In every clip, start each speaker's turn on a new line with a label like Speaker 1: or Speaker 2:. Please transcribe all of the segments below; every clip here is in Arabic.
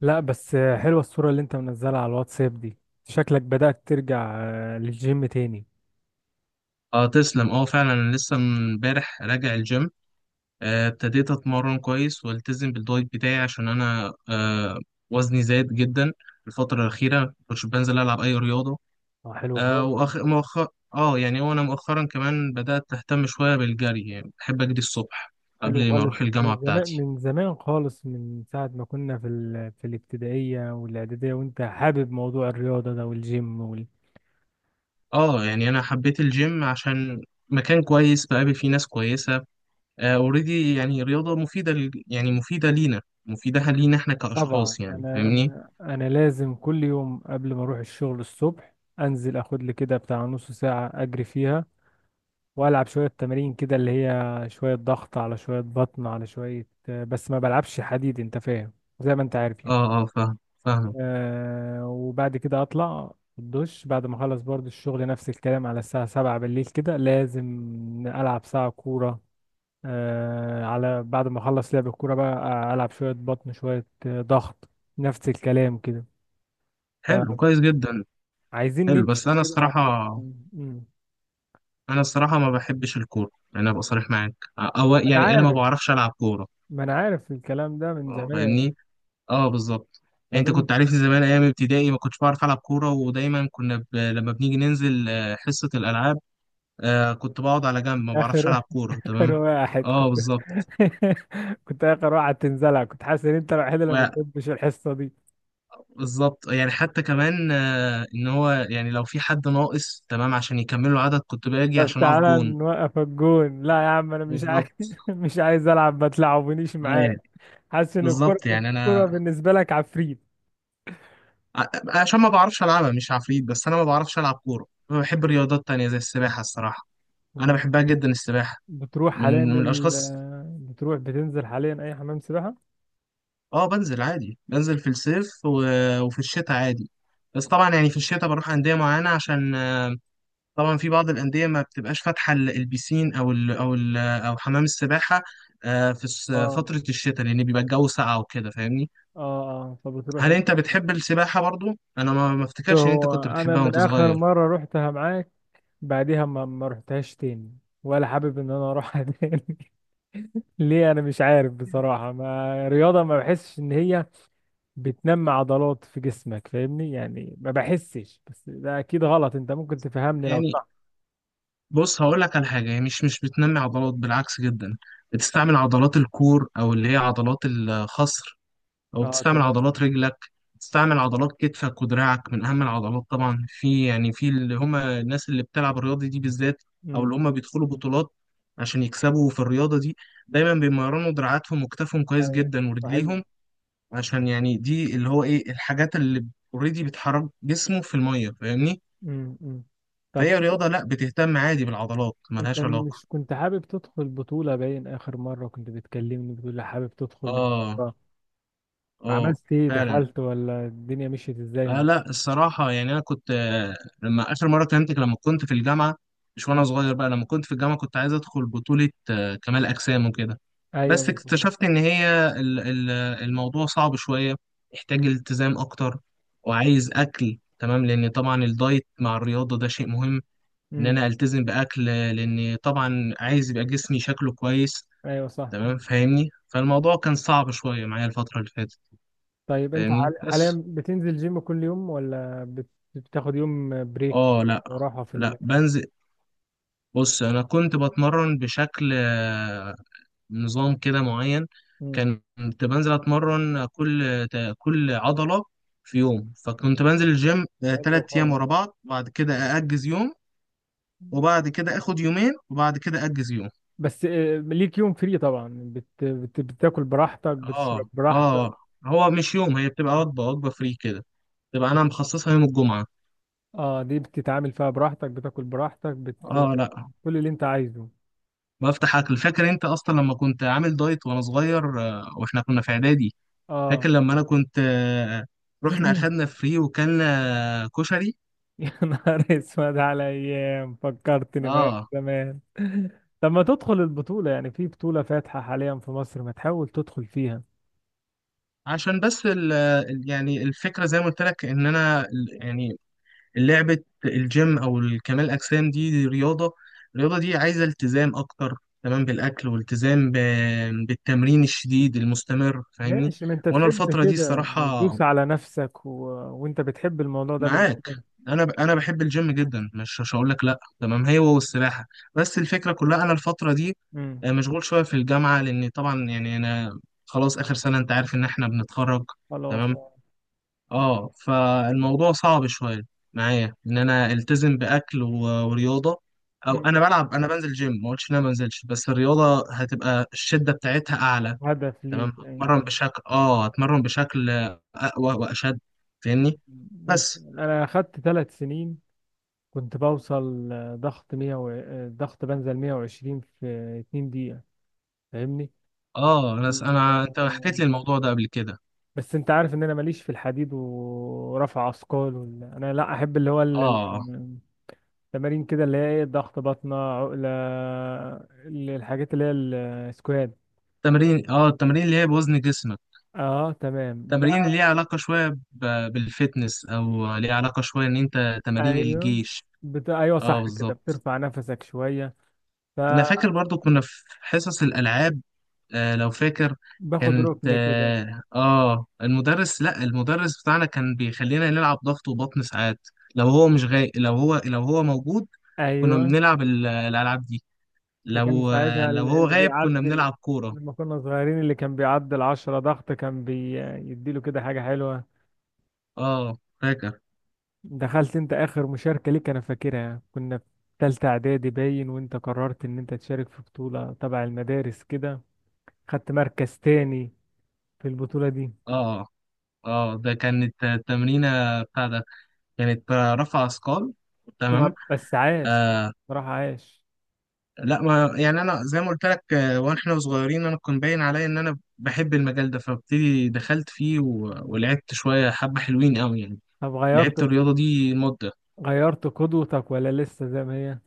Speaker 1: لا بس حلوة الصورة اللي انت منزلها على الواتساب دي. شكلك بدأت ترجع للجيم تاني.
Speaker 2: اه، تسلم. اه، فعلا، انا لسه من امبارح راجع الجيم. ابتديت اتمرن كويس والتزم بالدايت بتاعي عشان انا وزني زاد جدا. الفتره الاخيره مكنتش بنزل العب اي رياضه.
Speaker 1: اه، حلو
Speaker 2: آه،
Speaker 1: خالص.
Speaker 2: واخر مؤخر اه يعني وانا مؤخرا كمان بدات اهتم شويه بالجري، يعني بحب اجري الصبح
Speaker 1: حلو
Speaker 2: قبل ما
Speaker 1: خالص،
Speaker 2: اروح
Speaker 1: انت
Speaker 2: الجامعه
Speaker 1: من زمان
Speaker 2: بتاعتي.
Speaker 1: من زمان خالص، من ساعة ما كنا في في الابتدائية والإعدادية، وانت حابب موضوع الرياضة ده والجيم.
Speaker 2: اه، يعني انا حبيت الجيم عشان مكان كويس بقابل فيه ناس كويسه، اوريدي، يعني رياضه مفيده يعني مفيده لينا مفيدة لينا احنا
Speaker 1: طبعا
Speaker 2: كأشخاص، يعني
Speaker 1: انا
Speaker 2: فاهمني.
Speaker 1: انا انا لازم كل يوم قبل ما اروح الشغل الصبح انزل اخد لي كده بتاع نص ساعة اجري فيها، والعب شويه تمارين كده اللي هي شويه ضغط على شويه بطن على شويه، بس ما بلعبش حديد، انت فاهم، زي ما انت عارف يعني.
Speaker 2: اه، اه، فاهم، فاهم.
Speaker 1: وبعد كده اطلع الدش بعد ما اخلص برضو الشغل، نفس الكلام، على الساعه 7 بالليل كده لازم العب ساعه كوره. على بعد ما اخلص لعب الكوره بقى، العب شويه بطن شويه ضغط، نفس الكلام كده.
Speaker 2: حلو، كويس جدا.
Speaker 1: فعايزين
Speaker 2: حلو، بس
Speaker 1: نمشي
Speaker 2: انا
Speaker 1: كده
Speaker 2: الصراحه،
Speaker 1: على. مم.
Speaker 2: ما بحبش الكوره، يعني ابقى صريح معاك، او
Speaker 1: انا
Speaker 2: يعني انا ما
Speaker 1: عارف،
Speaker 2: بعرفش العب كوره.
Speaker 1: ما انا عارف الكلام ده من زمان.
Speaker 2: فاهمني. اه، بالظبط. يعني
Speaker 1: طب
Speaker 2: انت
Speaker 1: انت.
Speaker 2: كنت عارفني زمان ايام ابتدائي ما كنتش بعرف العب كوره، ودايما كنا لما بنيجي ننزل حصه الالعاب. كنت بقعد على جنب ما بعرفش
Speaker 1: اخر
Speaker 2: العب كوره.
Speaker 1: اخر
Speaker 2: تمام،
Speaker 1: واحد
Speaker 2: اه،
Speaker 1: كنت.
Speaker 2: بالظبط.
Speaker 1: كنت اخر واحد تنزلها، كنت حاسس ان انت الوحيد اللي ما
Speaker 2: و-
Speaker 1: بتحبش الحصه دي.
Speaker 2: بالظبط. يعني حتى كمان ان هو يعني لو في حد ناقص تمام عشان يكملوا عدد، كنت باجي
Speaker 1: طب
Speaker 2: عشان اقف
Speaker 1: تعالى
Speaker 2: جون.
Speaker 1: نوقف الجون، لا يا عم انا مش عايز
Speaker 2: بالظبط.
Speaker 1: مش عايز العب، ما تلعبونيش
Speaker 2: اه،
Speaker 1: معاك.
Speaker 2: يعني
Speaker 1: حاسس ان الكوره
Speaker 2: بالظبط، يعني
Speaker 1: الكوره
Speaker 2: انا
Speaker 1: بالنسبه لك عفريت.
Speaker 2: عشان ما بعرفش العبها، مش عفريت، بس انا ما بعرفش العب كوره. أنا بحب رياضات تانية زي السباحه، الصراحه انا بحبها جدا السباحه.
Speaker 1: بتروح حاليا
Speaker 2: من من
Speaker 1: ال...
Speaker 2: الاشخاص.
Speaker 1: آه، بتروح بتنزل حاليا اي حمام سباحه؟
Speaker 2: اه، بنزل عادي، بنزل في الصيف وفي الشتاء عادي. بس طبعا يعني في الشتاء بروح انديه معينه، عشان طبعا في بعض الانديه ما بتبقاش فاتحه البيسين او حمام السباحه في
Speaker 1: اه،
Speaker 2: فتره الشتاء، لان بيبقى الجو ساقع وكده، فاهمني.
Speaker 1: اه، اه، فبتروح
Speaker 2: هل
Speaker 1: انت؟
Speaker 2: انت بتحب السباحه برضو؟ انا ما افتكرش ان انت
Speaker 1: هو
Speaker 2: كنت
Speaker 1: انا
Speaker 2: بتحبها
Speaker 1: من
Speaker 2: وانت
Speaker 1: اخر
Speaker 2: صغير.
Speaker 1: مره رحتها معاك، بعديها ما رحتهاش تاني، ولا حابب ان انا اروحها تاني. ليه؟ انا مش عارف بصراحه، ما رياضه ما بحسش ان هي بتنمي عضلات في جسمك، فاهمني؟ يعني ما بحسش، بس ده اكيد غلط، انت ممكن تفهمني لو
Speaker 2: يعني
Speaker 1: صح.
Speaker 2: بص، هقول لك على حاجة. هي مش بتنمي عضلات، بالعكس جدا. بتستعمل عضلات الكور، أو اللي هي عضلات الخصر، أو
Speaker 1: اه،
Speaker 2: بتستعمل
Speaker 1: تمام.
Speaker 2: عضلات رجلك، بتستعمل عضلات كتفك ودراعك، من أهم العضلات طبعا في اللي هم الناس اللي بتلعب الرياضة دي بالذات، أو
Speaker 1: امم،
Speaker 2: اللي هم بيدخلوا بطولات عشان يكسبوا في الرياضة دي، دايما بيمرنوا دراعاتهم وكتافهم كويس
Speaker 1: ايوه
Speaker 2: جدا
Speaker 1: صحيح.
Speaker 2: ورجليهم، عشان يعني دي اللي هو إيه، الحاجات اللي اوريدي بتحرك جسمه في المية، فاهمني؟
Speaker 1: امم، أمم. طب
Speaker 2: فهي
Speaker 1: انت.
Speaker 2: رياضة لأ، بتهتم عادي بالعضلات،
Speaker 1: انت
Speaker 2: ملهاش علاقة.
Speaker 1: مش كنت حابب تدخل بطوله؟ باين اخر مره كنت بتكلمني بتقول لي حابب تدخل
Speaker 2: اه،
Speaker 1: بطوله.
Speaker 2: اه،
Speaker 1: عملت ايه؟
Speaker 2: فعلا.
Speaker 1: دخلت، ولا الدنيا مشيت ازاي
Speaker 2: آه،
Speaker 1: معاك؟
Speaker 2: لا، الصراحة يعني أنا كنت لما آخر مرة كلمتك لما كنت في الجامعة، مش وأنا
Speaker 1: أمم،
Speaker 2: صغير بقى، لما كنت في الجامعة كنت عايز أدخل بطولة كمال أجسام وكده. بس
Speaker 1: ايوه.
Speaker 2: اكتشفت إن هي الموضوع صعب شوية، يحتاج
Speaker 1: أمم.
Speaker 2: التزام أكتر، وعايز أكل تمام لأن طبعا الدايت مع الرياضة ده شيء مهم، إن
Speaker 1: أمم،
Speaker 2: أنا ألتزم بأكل لأن طبعا عايز يبقى جسمي شكله كويس.
Speaker 1: ايوه صح.
Speaker 2: تمام فاهمني، فالموضوع كان صعب شوية معايا الفترة اللي فاتت،
Speaker 1: طيب انت
Speaker 2: فاهمني. بس
Speaker 1: حاليا بتنزل جيم كل يوم، ولا بتاخد يوم بريك
Speaker 2: اه، لا،
Speaker 1: وراحة في؟
Speaker 2: لا، بنزل. بص انا كنت بتمرن بشكل نظام كده معين.
Speaker 1: مم.
Speaker 2: كنت بنزل اتمرن كل كل عضلة في يوم، فكنت بنزل الجيم
Speaker 1: حلو
Speaker 2: 3 ايام
Speaker 1: خالص.
Speaker 2: ورا بعض، بعد كده ااجز يوم، وبعد كده اخد يومين، وبعد كده اجز يوم.
Speaker 1: بس ليك يوم فري طبعا. بتاكل براحتك، بتشرب
Speaker 2: اه،
Speaker 1: براحتك؟
Speaker 2: اه. هو مش يوم، هي بتبقى وجبة فري كده، تبقى انا مخصصها يوم الجمعة.
Speaker 1: اه، دي بتتعامل فيها براحتك، بتاكل براحتك،
Speaker 2: اه، لا،
Speaker 1: كل اللي انت عايزه.
Speaker 2: بفتح اكل. فاكر انت اصلا لما كنت عامل دايت وانا صغير واحنا كنا في اعدادي،
Speaker 1: اه.
Speaker 2: فاكر لما انا كنت رحنا اخدنا فري وكلنا كشري.
Speaker 1: يا نهار اسود، على ايام! فكرتني بقى
Speaker 2: اه.
Speaker 1: زمان طب ما تدخل البطولة يعني، في بطولة فاتحة حاليا في مصر، ما تحاول تدخل فيها.
Speaker 2: عشان بس يعني الفكره زي ما قلت لك ان انا يعني لعبه الجيم او الكمال الاجسام دي رياضه. الرياضه دي عايزه التزام اكتر، تمام بالاكل والتزام بالتمرين الشديد المستمر، فاهمني.
Speaker 1: ماشي، ما انت
Speaker 2: وانا
Speaker 1: تحب
Speaker 2: الفتره دي
Speaker 1: كده يعني،
Speaker 2: الصراحه
Speaker 1: تدوس على نفسك. وانت بتحب الموضوع ده من
Speaker 2: معاك،
Speaker 1: زمان.
Speaker 2: انا بحب الجيم جدا، مش هقول لك لا، تمام، هي والسباحه. بس الفكره كلها انا الفتره دي
Speaker 1: امم.
Speaker 2: مشغول شويه في الجامعه، لان طبعا يعني انا خلاص اخر سنه انت عارف ان احنا بنتخرج،
Speaker 1: خلاص،
Speaker 2: تمام.
Speaker 1: اه.
Speaker 2: اه، فالموضوع صعب شويه معايا ان انا التزم باكل ورياضه. او
Speaker 1: امم.
Speaker 2: انا بلعب انا بنزل جيم، ما قلتش ان انا ما بنزلش، بس الرياضه هتبقى الشده بتاعتها اعلى،
Speaker 1: هدف ليك
Speaker 2: تمام،
Speaker 1: يعني.
Speaker 2: هتمرن بشكل اقوى واشد، فاهمني.
Speaker 1: امم.
Speaker 2: بس
Speaker 1: انا اخدت 3 سنين، كنت بوصل ضغط 100 و... آه، ضغط بنزل 120 في 2 دقيقة، فاهمني؟
Speaker 2: اه انا انت حكيت
Speaker 1: كان-
Speaker 2: لي الموضوع ده قبل كده.
Speaker 1: بس انت عارف ان انا ماليش في الحديد ورفع اثقال انا لا احب اللي هو
Speaker 2: اه،
Speaker 1: التمارين كده، اللي هي ايه، ضغط، بطنة، عقلة، الحاجات اللي هي السكواد.
Speaker 2: تمرين اه التمرين اللي هي بوزن جسمك،
Speaker 1: اه، تمام ده.
Speaker 2: تمارين اللي ليها علاقة شوية بالفتنس، او ليها علاقة شوية ان انت تمارين
Speaker 1: ايوه
Speaker 2: الجيش.
Speaker 1: ايوه
Speaker 2: اه،
Speaker 1: صح كده،
Speaker 2: بالظبط.
Speaker 1: بترفع نفسك شويه.
Speaker 2: انا فاكر برضو كنا في حصص الالعاب، لو فاكر،
Speaker 1: فباخد
Speaker 2: كانت
Speaker 1: ركن كده.
Speaker 2: المدرس، لا المدرس بتاعنا كان بيخلينا نلعب ضغط وبطن ساعات، لو هو مش غاي، لو هو موجود كنا
Speaker 1: ايوه.
Speaker 2: بنلعب الالعاب دي،
Speaker 1: وكان
Speaker 2: لو آه،
Speaker 1: ساعتها
Speaker 2: لو هو
Speaker 1: اللي
Speaker 2: غايب كنا
Speaker 1: بيعدي،
Speaker 2: بنلعب كورة.
Speaker 1: لما كنا صغيرين، اللي كان بيعدي 10 ضغط كان بيديله كده حاجه حلوه.
Speaker 2: اه، فاكر.
Speaker 1: دخلت انت اخر مشاركه ليك انا فاكرها، كنا في تالتة اعدادي باين، وانت قررت ان انت تشارك في بطوله تبع المدارس كده، خدت مركز تاني في البطوله دي.
Speaker 2: اه، اه، ده كانت التمرينة بتاع ده، كانت رفع اثقال، تمام.
Speaker 1: لا بس عاش،
Speaker 2: آه،
Speaker 1: بصراحه عاش.
Speaker 2: لا، ما يعني انا زي ما قلت لك واحنا صغيرين، انا كنت باين عليا ان انا بحب المجال ده، فبتدي دخلت فيه
Speaker 1: مم.
Speaker 2: ولعبت شوية حبة حلوين قوي، يعني
Speaker 1: طب
Speaker 2: لعبت
Speaker 1: غيرت
Speaker 2: الرياضة دي مدة.
Speaker 1: غيرت قدوتك ولا لسه زي ما هي؟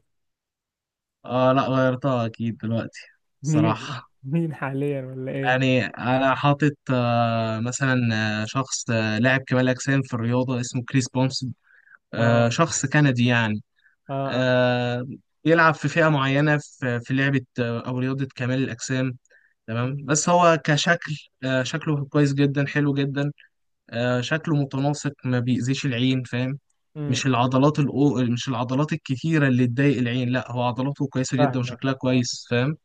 Speaker 2: اه، لا، غيرتها اكيد دلوقتي.
Speaker 1: مين
Speaker 2: صراحة
Speaker 1: مين حاليا ولا ايه؟
Speaker 2: يعني انا حاطط مثلا شخص لاعب كمال اجسام في الرياضة اسمه كريس بونسون،
Speaker 1: اه،
Speaker 2: شخص كندي يعني.
Speaker 1: اه، اه.
Speaker 2: آه، يلعب في فئة معينة في لعبة أو رياضة كمال الأجسام، تمام.
Speaker 1: أمم،
Speaker 2: بس هو كشكل شكله كويس جدا، حلو جدا. شكله متناسق، ما بيأذيش العين، فاهم؟
Speaker 1: أمم،
Speaker 2: مش العضلات الكتيرة اللي تضايق العين، لا هو عضلاته كويسة جدا
Speaker 1: فاهمة،
Speaker 2: وشكلها
Speaker 1: اه،
Speaker 2: كويس، فاهم؟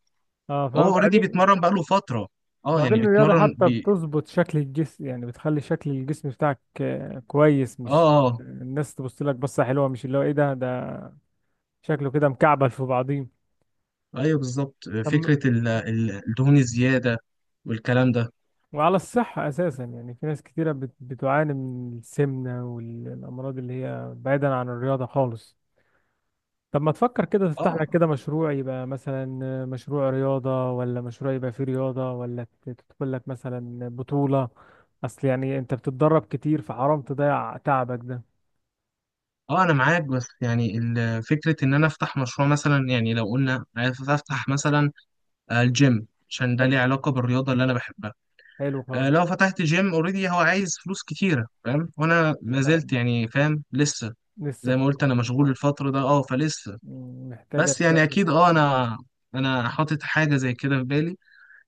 Speaker 1: آه،
Speaker 2: هو اوريدي
Speaker 1: فبعدين
Speaker 2: بيتمرن بقاله فترة، اه
Speaker 1: بعدين
Speaker 2: يعني
Speaker 1: الرياضة
Speaker 2: بيتمرن
Speaker 1: حتى بتظبط شكل الجسم يعني، بتخلي شكل الجسم بتاعك كويس، مش
Speaker 2: اه، اه،
Speaker 1: الناس تبص لك بصة حلوة، مش اللي هو ايه، ده شكله كده مكعبل في بعضيه.
Speaker 2: ايوه، بالظبط.
Speaker 1: طب
Speaker 2: فكرة الدهون الزيادة والكلام ده.
Speaker 1: وعلى الصحة أساسا يعني، في ناس كتيرة بتعاني من السمنة والأمراض اللي هي، بعيدا عن الرياضة خالص. طب ما تفكر كده
Speaker 2: اه،
Speaker 1: تفتح لك
Speaker 2: آه.
Speaker 1: كده مشروع، يبقى مثلا مشروع رياضة، ولا مشروع يبقى فيه رياضة، ولا تدخل لك مثلا بطولة، أصل يعني أنت بتتدرب كتير، فحرام تضيع تعبك ده.
Speaker 2: اه، انا معاك، بس يعني فكره ان انا افتح مشروع، مثلا يعني لو قلنا عايز افتح مثلا الجيم عشان ده
Speaker 1: حلو،
Speaker 2: ليه علاقه بالرياضه اللي انا بحبها.
Speaker 1: حلو خالص.
Speaker 2: لو فتحت جيم اوريدي هو عايز فلوس كتيره، فاهم، وانا ما زلت
Speaker 1: فاهم.
Speaker 2: يعني فاهم لسه، زي
Speaker 1: لسه
Speaker 2: ما قلت انا
Speaker 1: بت-
Speaker 2: مشغول
Speaker 1: آه.
Speaker 2: الفتره ده. اه فلسه،
Speaker 1: مم، محتاجة
Speaker 2: بس يعني
Speaker 1: شوية.
Speaker 2: اكيد. انا حاطط حاجه زي كده في بالي،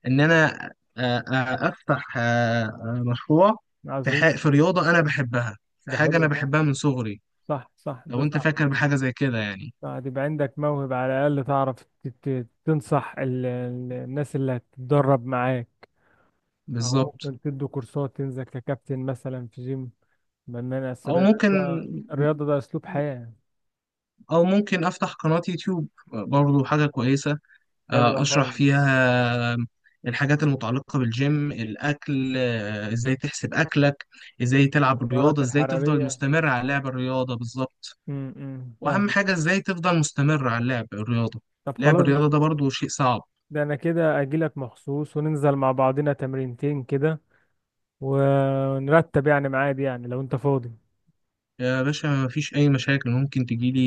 Speaker 2: ان انا افتح مشروع في
Speaker 1: عظيم،
Speaker 2: ح- في رياضه انا بحبها، في
Speaker 1: ده
Speaker 2: حاجه انا
Speaker 1: حلو خالص،
Speaker 2: بحبها من صغري،
Speaker 1: صح، صح،
Speaker 2: لو
Speaker 1: ده
Speaker 2: انت
Speaker 1: صح.
Speaker 2: فاكر بحاجه زي كده يعني.
Speaker 1: صح، يبقى عندك موهبة على الأقل، تعرف تنصح الناس اللي هتتدرب معاك، أو
Speaker 2: بالظبط.
Speaker 1: ممكن تدوا كورسات، تنزل ككابتن مثلا في جيم. بنان أصل
Speaker 2: او ممكن،
Speaker 1: الرياضة، الرياضة ده أسلوب حياة.
Speaker 2: افتح قناة يوتيوب برضو حاجة كويسة،
Speaker 1: حلوة
Speaker 2: اشرح
Speaker 1: خالص.
Speaker 2: فيها الحاجات المتعلقة بالجيم، الاكل ازاي تحسب اكلك، ازاي تلعب
Speaker 1: السعرات
Speaker 2: الرياضة، ازاي تفضل
Speaker 1: الحرارية.
Speaker 2: مستمر على لعب الرياضة، بالظبط.
Speaker 1: امم،
Speaker 2: واهم
Speaker 1: فاهم.
Speaker 2: حاجة ازاي تفضل مستمر على لعب الرياضة،
Speaker 1: طب
Speaker 2: لعب
Speaker 1: خلاص،
Speaker 2: الرياضة ده برضو شيء صعب.
Speaker 1: ده أنا كده أجيلك مخصوص، وننزل مع بعضنا تمرينتين كده، ونرتب يعني ميعاد، يعني لو أنت فاضي.
Speaker 2: يا باشا مفيش أي مشاكل، ممكن تجيلي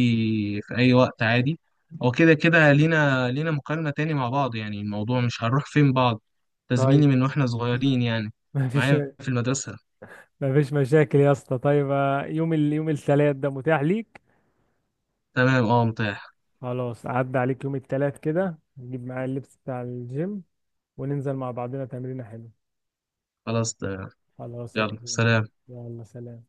Speaker 2: في أي وقت عادي. هو كده كده لينا مكالمة تاني مع بعض، يعني الموضوع مش هنروح فين بعض، تزميلي
Speaker 1: طيب
Speaker 2: من واحنا صغيرين يعني،
Speaker 1: مفيش
Speaker 2: معايا في المدرسة.
Speaker 1: مفيش مشاكل يا اسطى. طيب، يوم يوم التلات ده متاح ليك؟
Speaker 2: تمام، اه، متاح.
Speaker 1: خلاص، عدى عليك يوم التلات كده، نجيب معايا اللبس بتاع الجيم، وننزل مع بعضنا تمرينة حلوة.
Speaker 2: خلاص، تمام.
Speaker 1: خلاص
Speaker 2: يلا،
Speaker 1: هكلمك.
Speaker 2: سلام.
Speaker 1: يلا سلام.